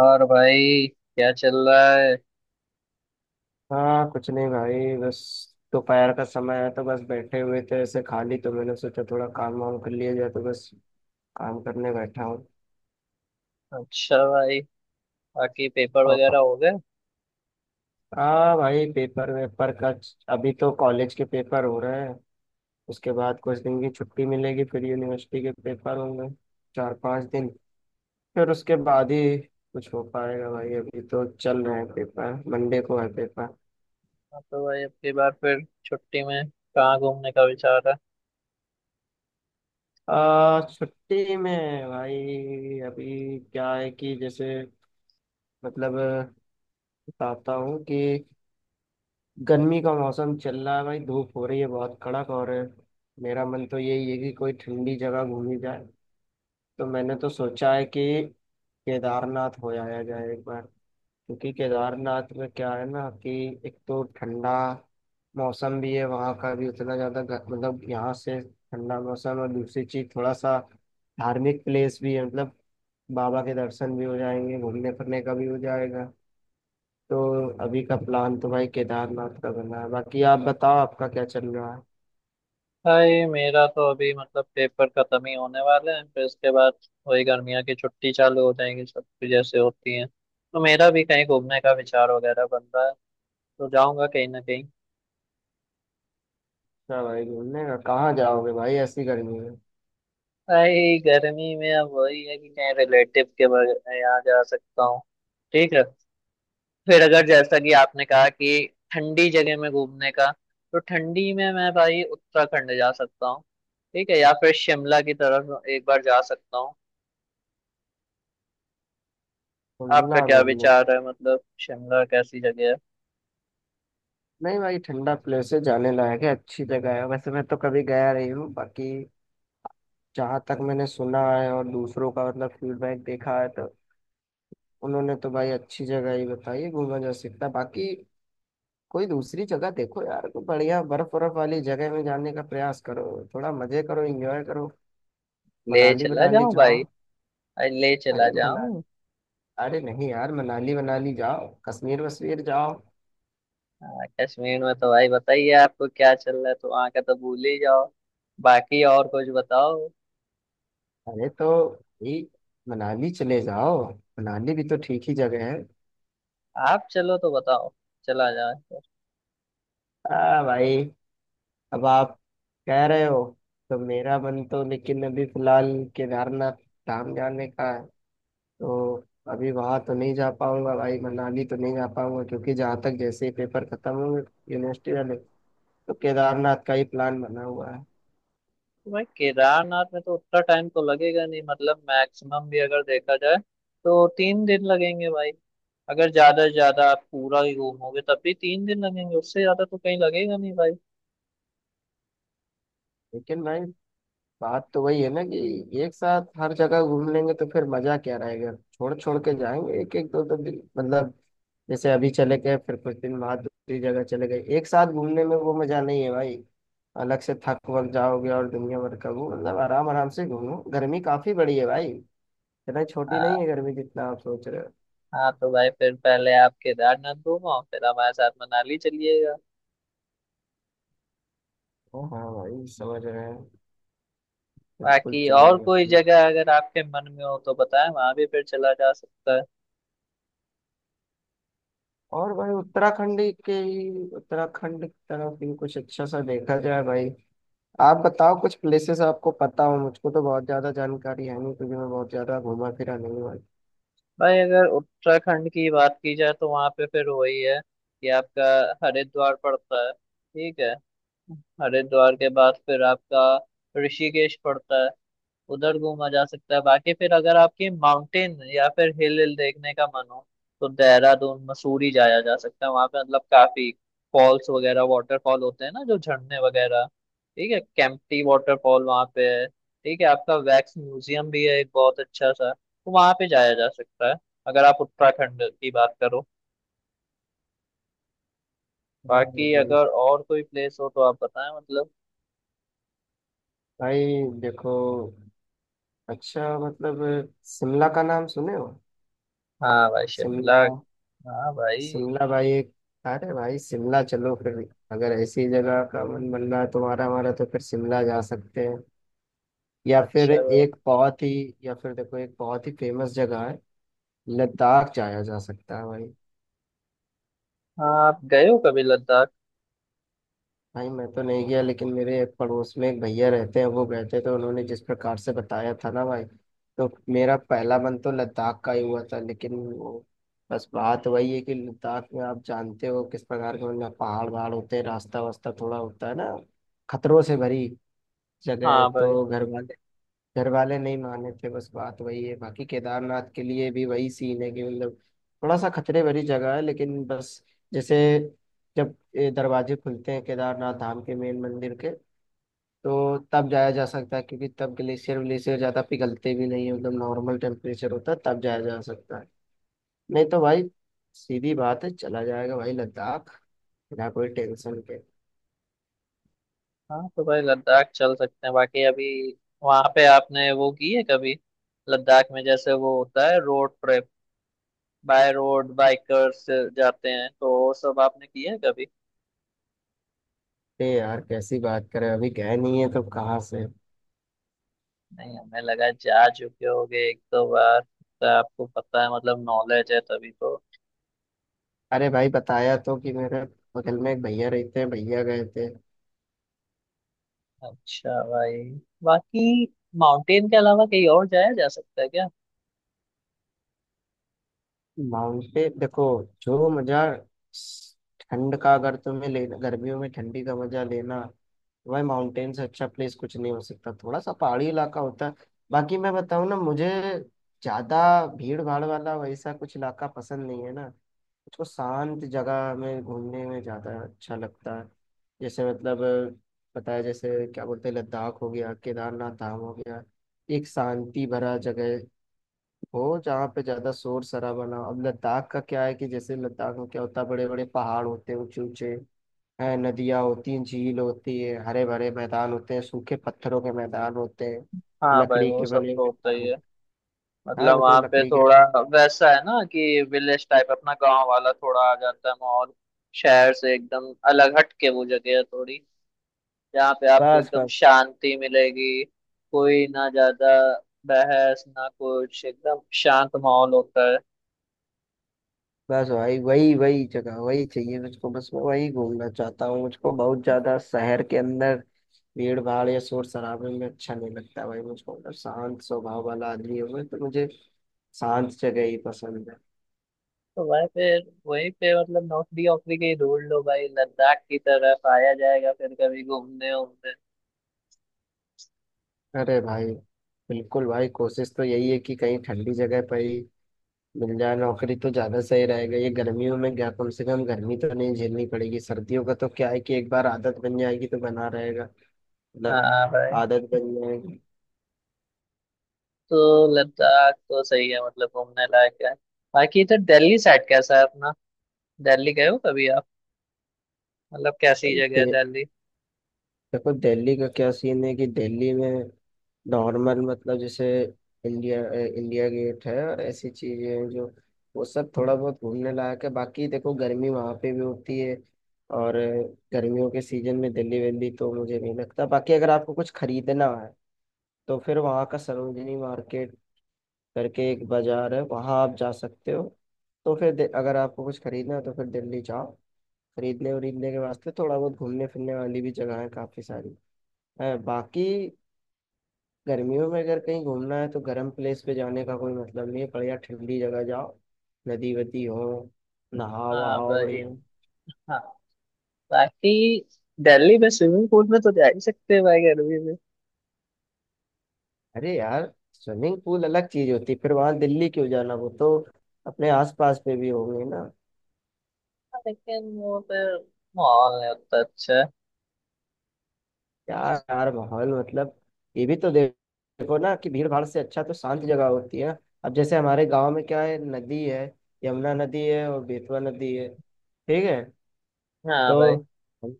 और भाई क्या चल रहा है? हाँ, कुछ नहीं भाई। बस दोपहर का समय है तो बस बैठे हुए थे ऐसे खाली, तो मैंने सोचा थोड़ा काम वाम कर लिया जाए, तो बस काम करने बैठा हूँ। अच्छा भाई, बाकी पेपर और वगैरह हो गए? हाँ भाई, पेपर वेपर का अभी तो कॉलेज के पेपर हो रहे हैं। उसके बाद कुछ दिन की छुट्टी मिलेगी, फिर यूनिवर्सिटी के पेपर होंगे चार पांच दिन। फिर उसके बाद ही कुछ हो पाएगा भाई। अभी तो चल रहे हैं पेपर। मंडे को है पेपर। हाँ तो भाई अगली बार फिर छुट्टी में कहाँ घूमने का विचार है? आ, छुट्टी में भाई, अभी क्या है कि जैसे, मतलब, बताता हूँ कि गर्मी का मौसम चल रहा है भाई, धूप हो रही है बहुत कड़क। और मेरा मन तो यही है कि कोई ठंडी जगह घूमी जाए। तो मैंने तो सोचा है कि केदारनाथ हो आया जाए एक बार। क्योंकि केदारनाथ में क्या है ना कि एक तो ठंडा मौसम भी है, वहाँ का भी उतना ज़्यादा मतलब यहाँ से ठंडा मौसम, और दूसरी चीज़ थोड़ा सा धार्मिक प्लेस भी है, मतलब बाबा के दर्शन भी हो जाएंगे, घूमने फिरने का भी हो जाएगा। तो अभी का प्लान तो भाई केदारनाथ का बना है। बाकी आप बताओ आपका क्या चल रहा है। भाई मेरा तो अभी पेपर खत्म ही होने वाले हैं, फिर इसके बाद वही गर्मियों की छुट्टी चालू हो जाएंगी, सब कुछ जैसे होती है। तो मेरा भी कहीं घूमने का विचार वगैरह बन रहा है, तो जाऊंगा कहीं ना कहीं। क्या भाई, घूमने का कहाँ जाओगे भाई ऐसी गर्मी में। भाई गर्मी में अब वही है कि कहीं रिलेटिव के यहाँ जा सकता हूँ। ठीक है, फिर अगर जैसा कि आपने कहा कि ठंडी जगह में घूमने का, तो ठंडी में मैं भाई उत्तराखंड जा सकता हूँ। ठीक है, या फिर शिमला की तरफ एक बार जा सकता हूँ। आपका घूमना क्या घूमने, विचार है, मतलब शिमला कैसी जगह है? नहीं भाई ठंडा प्लेसेस जाने लायक है, अच्छी जगह है। वैसे मैं तो कभी गया नहीं हूँ, बाकी जहाँ तक मैंने सुना है और दूसरों का मतलब फीडबैक देखा है तो उन्होंने तो भाई अच्छी जगह ही बताई है, घूमा जा सकता है। बाकी कोई दूसरी जगह देखो यार, कोई बढ़िया बर्फ बर्फ वाली जगह में जाने का प्रयास करो, थोड़ा मजे करो, एंजॉय करो। ले मनाली चला मनाली जाऊं जाओ। भाई? अरे ले चला अरे मना जाऊं। अरे नहीं यार, मनाली मनाली जाओ, कश्मीर वश्मीर जाओ। हाँ, कश्मीर में तो भाई बताइए, आपको क्या चल रहा है, तो वहाँ का तो भूल ही जाओ। बाकी और कुछ बताओ। अरे तो भाई मनाली चले जाओ, मनाली भी तो ठीक ही जगह है। आप चलो तो बताओ, चला जाए तो। आ भाई, अब आप कह रहे हो, तो मेरा मन तो, लेकिन अभी फिलहाल केदारनाथ धाम जाने का है। तो अभी वहां तो नहीं जा पाऊंगा भाई, मनाली तो नहीं जा पाऊंगा क्योंकि जहाँ तक, जैसे ही पेपर खत्म होंगे यूनिवर्सिटी वाले, तो केदारनाथ का ही प्लान बना हुआ है। भाई केदारनाथ में तो उतना टाइम तो लगेगा नहीं, मतलब मैक्सिमम भी अगर देखा जाए तो तीन दिन लगेंगे भाई। अगर ज्यादा से ज्यादा आप पूरा ही घूमोगे तब भी तीन दिन लगेंगे, उससे ज्यादा तो कहीं लगेगा नहीं भाई। लेकिन भाई बात तो वही है ना कि एक साथ हर जगह घूम लेंगे तो फिर मजा क्या रहेगा, छोड़ छोड़ के जाएंगे एक एक दो दो दिन, मतलब जैसे अभी चले गए फिर कुछ दिन बाद दूसरी जगह चले गए, एक साथ घूमने में वो मजा नहीं है भाई। अलग से थक वक जाओगे और दुनिया भर का वो, मतलब आराम आराम से घूमो, गर्मी काफी बड़ी है भाई, इतना छोटी नहीं हाँ। है गर्मी जितना आप सोच रहे हो। हाँ तो भाई फिर पहले आप केदारनाथ घूमो, फिर हमारे साथ मनाली चलिएगा। ओ हाँ भाई, समझ रहे हैं, बिल्कुल बाकी और चलेंगे। कोई जगह अगर आपके मन में हो तो बताएं, वहां भी फिर चला जा सकता है। और भाई उत्तराखंड के ही, उत्तराखंड की तरफ भी कुछ अच्छा सा देखा जाए भाई। आप बताओ कुछ प्लेसेस आपको पता हो, मुझको तो बहुत ज्यादा जानकारी है नहीं क्योंकि मैं बहुत ज्यादा घूमा फिरा नहीं हुआ। भाई अगर उत्तराखंड की बात की जाए तो वहां पे फिर वही है कि आपका हरिद्वार पड़ता है, ठीक है? हरिद्वार के बाद फिर आपका ऋषिकेश पड़ता है। उधर घूमा जा सकता है। बाकी फिर अगर आपकी माउंटेन या फिर हिल हिल देखने का मन हो, तो देहरादून मसूरी जाया जा सकता है। वहां पे मतलब काफी फॉल्स वगैरह, वाटरफॉल होते हैं ना, जो झरने वगैरह। ठीक है, केम्प्टी वाटरफॉल वहां पे है। ठीक है, आपका वैक्स म्यूजियम भी है एक बहुत अच्छा सा, तो वहां पे जाया जा सकता है, अगर आप उत्तराखंड की बात करो। हाँ बाकी भाई, अगर और कोई प्लेस हो तो आप बताएं मतलब। भाई देखो, अच्छा मतलब शिमला का नाम सुने हो। हाँ भाई शिमला, शिमला, हाँ भाई। शिमला भाई एक, अरे भाई शिमला चलो फिर। अगर ऐसी जगह का मन बन रहा है तुम्हारा हमारा, तो फिर शिमला जा सकते हैं। या फिर अच्छा भाई। एक बहुत ही, या फिर देखो एक बहुत ही फेमस जगह है, लद्दाख जाया जा सकता है भाई। हाँ आप गए हो कभी लद्दाख? भाई मैं तो नहीं गया, लेकिन मेरे एक पड़ोस में एक भैया रहते हैं, वो गए थे, तो उन्होंने जिस प्रकार से बताया था ना भाई, तो मेरा पहला मन तो लद्दाख का ही हुआ था। लेकिन वो, बस बात वही है कि लद्दाख में आप जानते हो किस प्रकार के, मतलब पहाड़ वहाड़ होते हैं, रास्ता वास्ता थोड़ा होता है ना, खतरों से भरी जगह है, हाँ भाई। तो घर वाले, घर वाले नहीं माने थे। बस बात वही है। बाकी केदारनाथ के लिए भी वही सीन है कि मतलब थोड़ा सा खतरे भरी जगह है, लेकिन बस जैसे, जब ये दरवाजे खुलते हैं केदारनाथ धाम के मेन मंदिर के, तो तब जाया जा सकता है क्योंकि तब ग्लेशियर व्लेशियर ज्यादा पिघलते भी नहीं है, मतलब नॉर्मल टेम्परेचर होता है, तब जाया जा सकता है। नहीं तो भाई सीधी बात है, चला जाएगा भाई लद्दाख बिना कोई टेंशन के। हाँ तो भाई लद्दाख चल सकते हैं, बाकी अभी वहाँ पे आपने वो की है कभी? लद्दाख में जैसे वो होता है road trip, by road bikers जाते हैं, तो वो सब आपने किया है कभी? ए यार, कैसी बात करें, अभी गए नहीं है तो कहाँ से। नहीं, हमें लगा जा चुके होगे एक दो बार, तो आपको पता है मतलब नॉलेज है तभी तो। अरे भाई बताया तो कि मेरे बगल में एक भैया रहते हैं, भैया गए थे। अच्छा भाई। बाकी माउंटेन के अलावा कहीं और जाया जा सकता है क्या? माउंटेन देखो, जो मजा, ठंड का अगर तुम्हें लेना, गर्मियों में ठंडी का मजा लेना, तो भाई माउंटेन से अच्छा प्लेस कुछ नहीं हो सकता, थोड़ा सा पहाड़ी इलाका होता है। बाकी मैं बताऊँ ना, मुझे ज्यादा भीड़ भाड़ वाला वैसा कुछ इलाका पसंद नहीं है ना, मुझको शांत जगह में घूमने में ज़्यादा अच्छा लगता है। जैसे मतलब पता है जैसे क्या बोलते हैं, लद्दाख हो गया, केदारनाथ धाम हो गया, एक शांति भरा जगह हो जहाँ पे ज़्यादा शोर शराबा ना हो। अब लद्दाख का क्या है कि जैसे, लद्दाख में क्या होता है, बड़े बड़े पहाड़ होते हैं, ऊंचे ऊंचे हैं, नदियाँ होती हैं, झील होती है, हरे भरे मैदान होते हैं, सूखे पत्थरों के मैदान होते हैं, हाँ भाई लकड़ी वो के सब बने तो हुए होता घर होते ही है। हैं। हाँ मतलब वहाँ मतलब पे लकड़ी के, थोड़ा वैसा है ना कि विलेज टाइप, अपना गांव वाला थोड़ा आ जाता है माहौल। शहर से एकदम अलग हट के वो जगह है थोड़ी, जहाँ पे आपको बस एकदम बस, शांति मिलेगी। कोई ना ज्यादा बहस ना कुछ, एकदम शांत माहौल होता है। भाई वही वही जगह वही चाहिए मुझको, बस मैं वही घूमना चाहता हूँ। मुझको बहुत ज्यादा शहर के अंदर भीड़ भाड़ या शोर शराबे में अच्छा नहीं लगता भाई। मुझको मतलब शांत स्वभाव वाला आदमी हूँ मैं तो, मुझे शांत जगह ही पसंद है। तो भाई फिर वहीं पे मतलब नौकरी वोकरी की ढूंढ लो भाई, लद्दाख की तरफ आया जाएगा फिर कभी घूमने वूमने। अरे भाई बिल्कुल भाई, कोशिश तो यही है कि कहीं ठंडी जगह पर ही मिल जाए नौकरी तो ज्यादा सही रहेगा। ये गर्मियों में क्या, कम से कम गर्मी तो नहीं झेलनी पड़ेगी। सर्दियों का तो क्या है कि एक बार आदत बन जाएगी तो बना रहेगा, मतलब हाँ भाई। आदत बन तो लद्दाख तो सही है, मतलब घूमने लायक है। बाकी इधर दिल्ली साइड कैसा है अपना? दिल्ली गए हो कभी आप? मतलब कैसी जगह है जाएगी। दिल्ली? देखो दिल्ली का क्या सीन है कि दिल्ली में नॉर्मल, मतलब जैसे इंडिया इंडिया गेट है और ऐसी चीजें हैं जो, वो सब थोड़ा बहुत घूमने लायक है। बाकी देखो गर्मी वहाँ पे भी होती है, और गर्मियों के सीजन में दिल्ली वेल्ली तो मुझे नहीं लगता। बाकी अगर आपको कुछ खरीदना है, तो फिर वहाँ का सरोजिनी मार्केट करके एक बाजार है, वहाँ आप जा सकते हो। तो फिर अगर आपको कुछ खरीदना है तो फिर दिल्ली जाओ। खरीदने वरीदने के वास्ते थोड़ा बहुत घूमने फिरने वाली भी जगह है काफी सारी है। बाकी गर्मियों में अगर कहीं घूमना है तो गर्म प्लेस पे जाने का कोई मतलब नहीं है, बढ़िया ठंडी जगह जाओ, नदी वदी हो, नहाओ हाँ वहाओ भाई। बढ़िया। हाँ। बाकी दिल्ली में स्विमिंग पूल में तो जा ही सकते हैं भाई गर्मी में। अरे यार, स्विमिंग पूल अलग चीज होती है, फिर वहां दिल्ली क्यों जाना, वो तो अपने आसपास पे भी होंगे ना। हाँ, लेकिन वो फिर माहौल नहीं उतना अच्छा है। यार यार, माहौल मतलब ये भी तो देखो ना कि भीड़ भाड़ से अच्छा तो शांत जगह होती है ना। अब जैसे हमारे गांव में क्या है, नदी है, यमुना नदी है और बेतवा नदी है, ठीक है। हाँ तो भाई। हम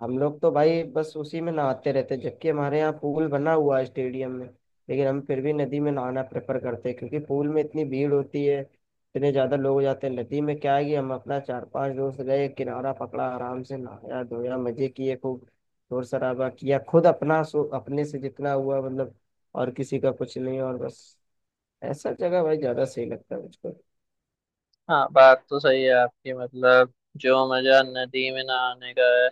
हम लोग तो भाई बस उसी में नहाते रहते, जबकि हमारे यहाँ पूल बना हुआ है स्टेडियम में, लेकिन हम फिर भी नदी में नहाना प्रेफर करते हैं, क्योंकि पूल में इतनी भीड़ होती है, इतने ज्यादा लोग हो जाते हैं। नदी में क्या है कि हम अपना चार पांच दोस्त गए, किनारा पकड़ा, आराम से नहाया धोया, मजे किए खूब, शोर शराबा किया खुद अपना, सो अपने से जितना हुआ मतलब, और किसी का कुछ नहीं, और बस ऐसा जगह भाई ज्यादा सही लगता है मुझको। हाँ बात तो सही है आपकी। मतलब जो मजा नदी में नहाने का है,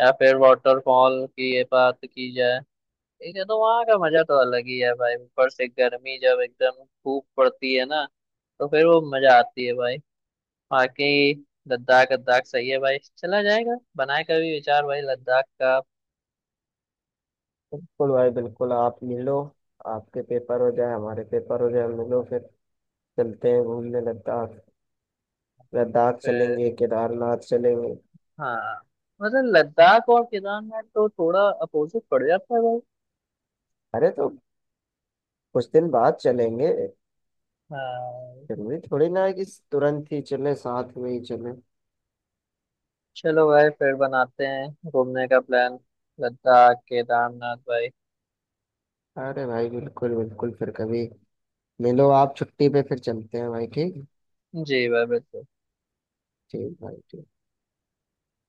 या फिर वाटरफॉल की ये बात की जाए, लेकिन तो वहां का मजा तो अलग ही है भाई। ऊपर से गर्मी जब एकदम खूब पड़ती है ना, तो फिर वो मजा आती है भाई। बाकी लद्दाख लद्दाख सही है भाई, चला जाएगा। बनाए कभी विचार भाई लद्दाख का। बिल्कुल भाई बिल्कुल, आप मिलो, आपके पेपर हो जाए हमारे पेपर हो जाए, मिलो फिर चलते हैं घूमने लद्दाख। लद्दाख फिर चलेंगे, केदारनाथ चलेंगे। हाँ, मतलब लद्दाख और केदारनाथ तो थोड़ा अपोजिट पड़ जाता है भाई। अरे तो कुछ दिन बाद चलेंगे, हाँ। जरूरी थोड़ी ना है कि तुरंत ही चले, साथ में ही चले। चलो भाई फिर बनाते हैं घूमने का प्लान, लद्दाख केदारनाथ भाई। अरे भाई बिल्कुल बिल्कुल, फिर कभी मिलो आप छुट्टी पे, फिर चलते हैं भाई ठीक। जी भाई, बिल्कुल। ठीक भाई ठीक।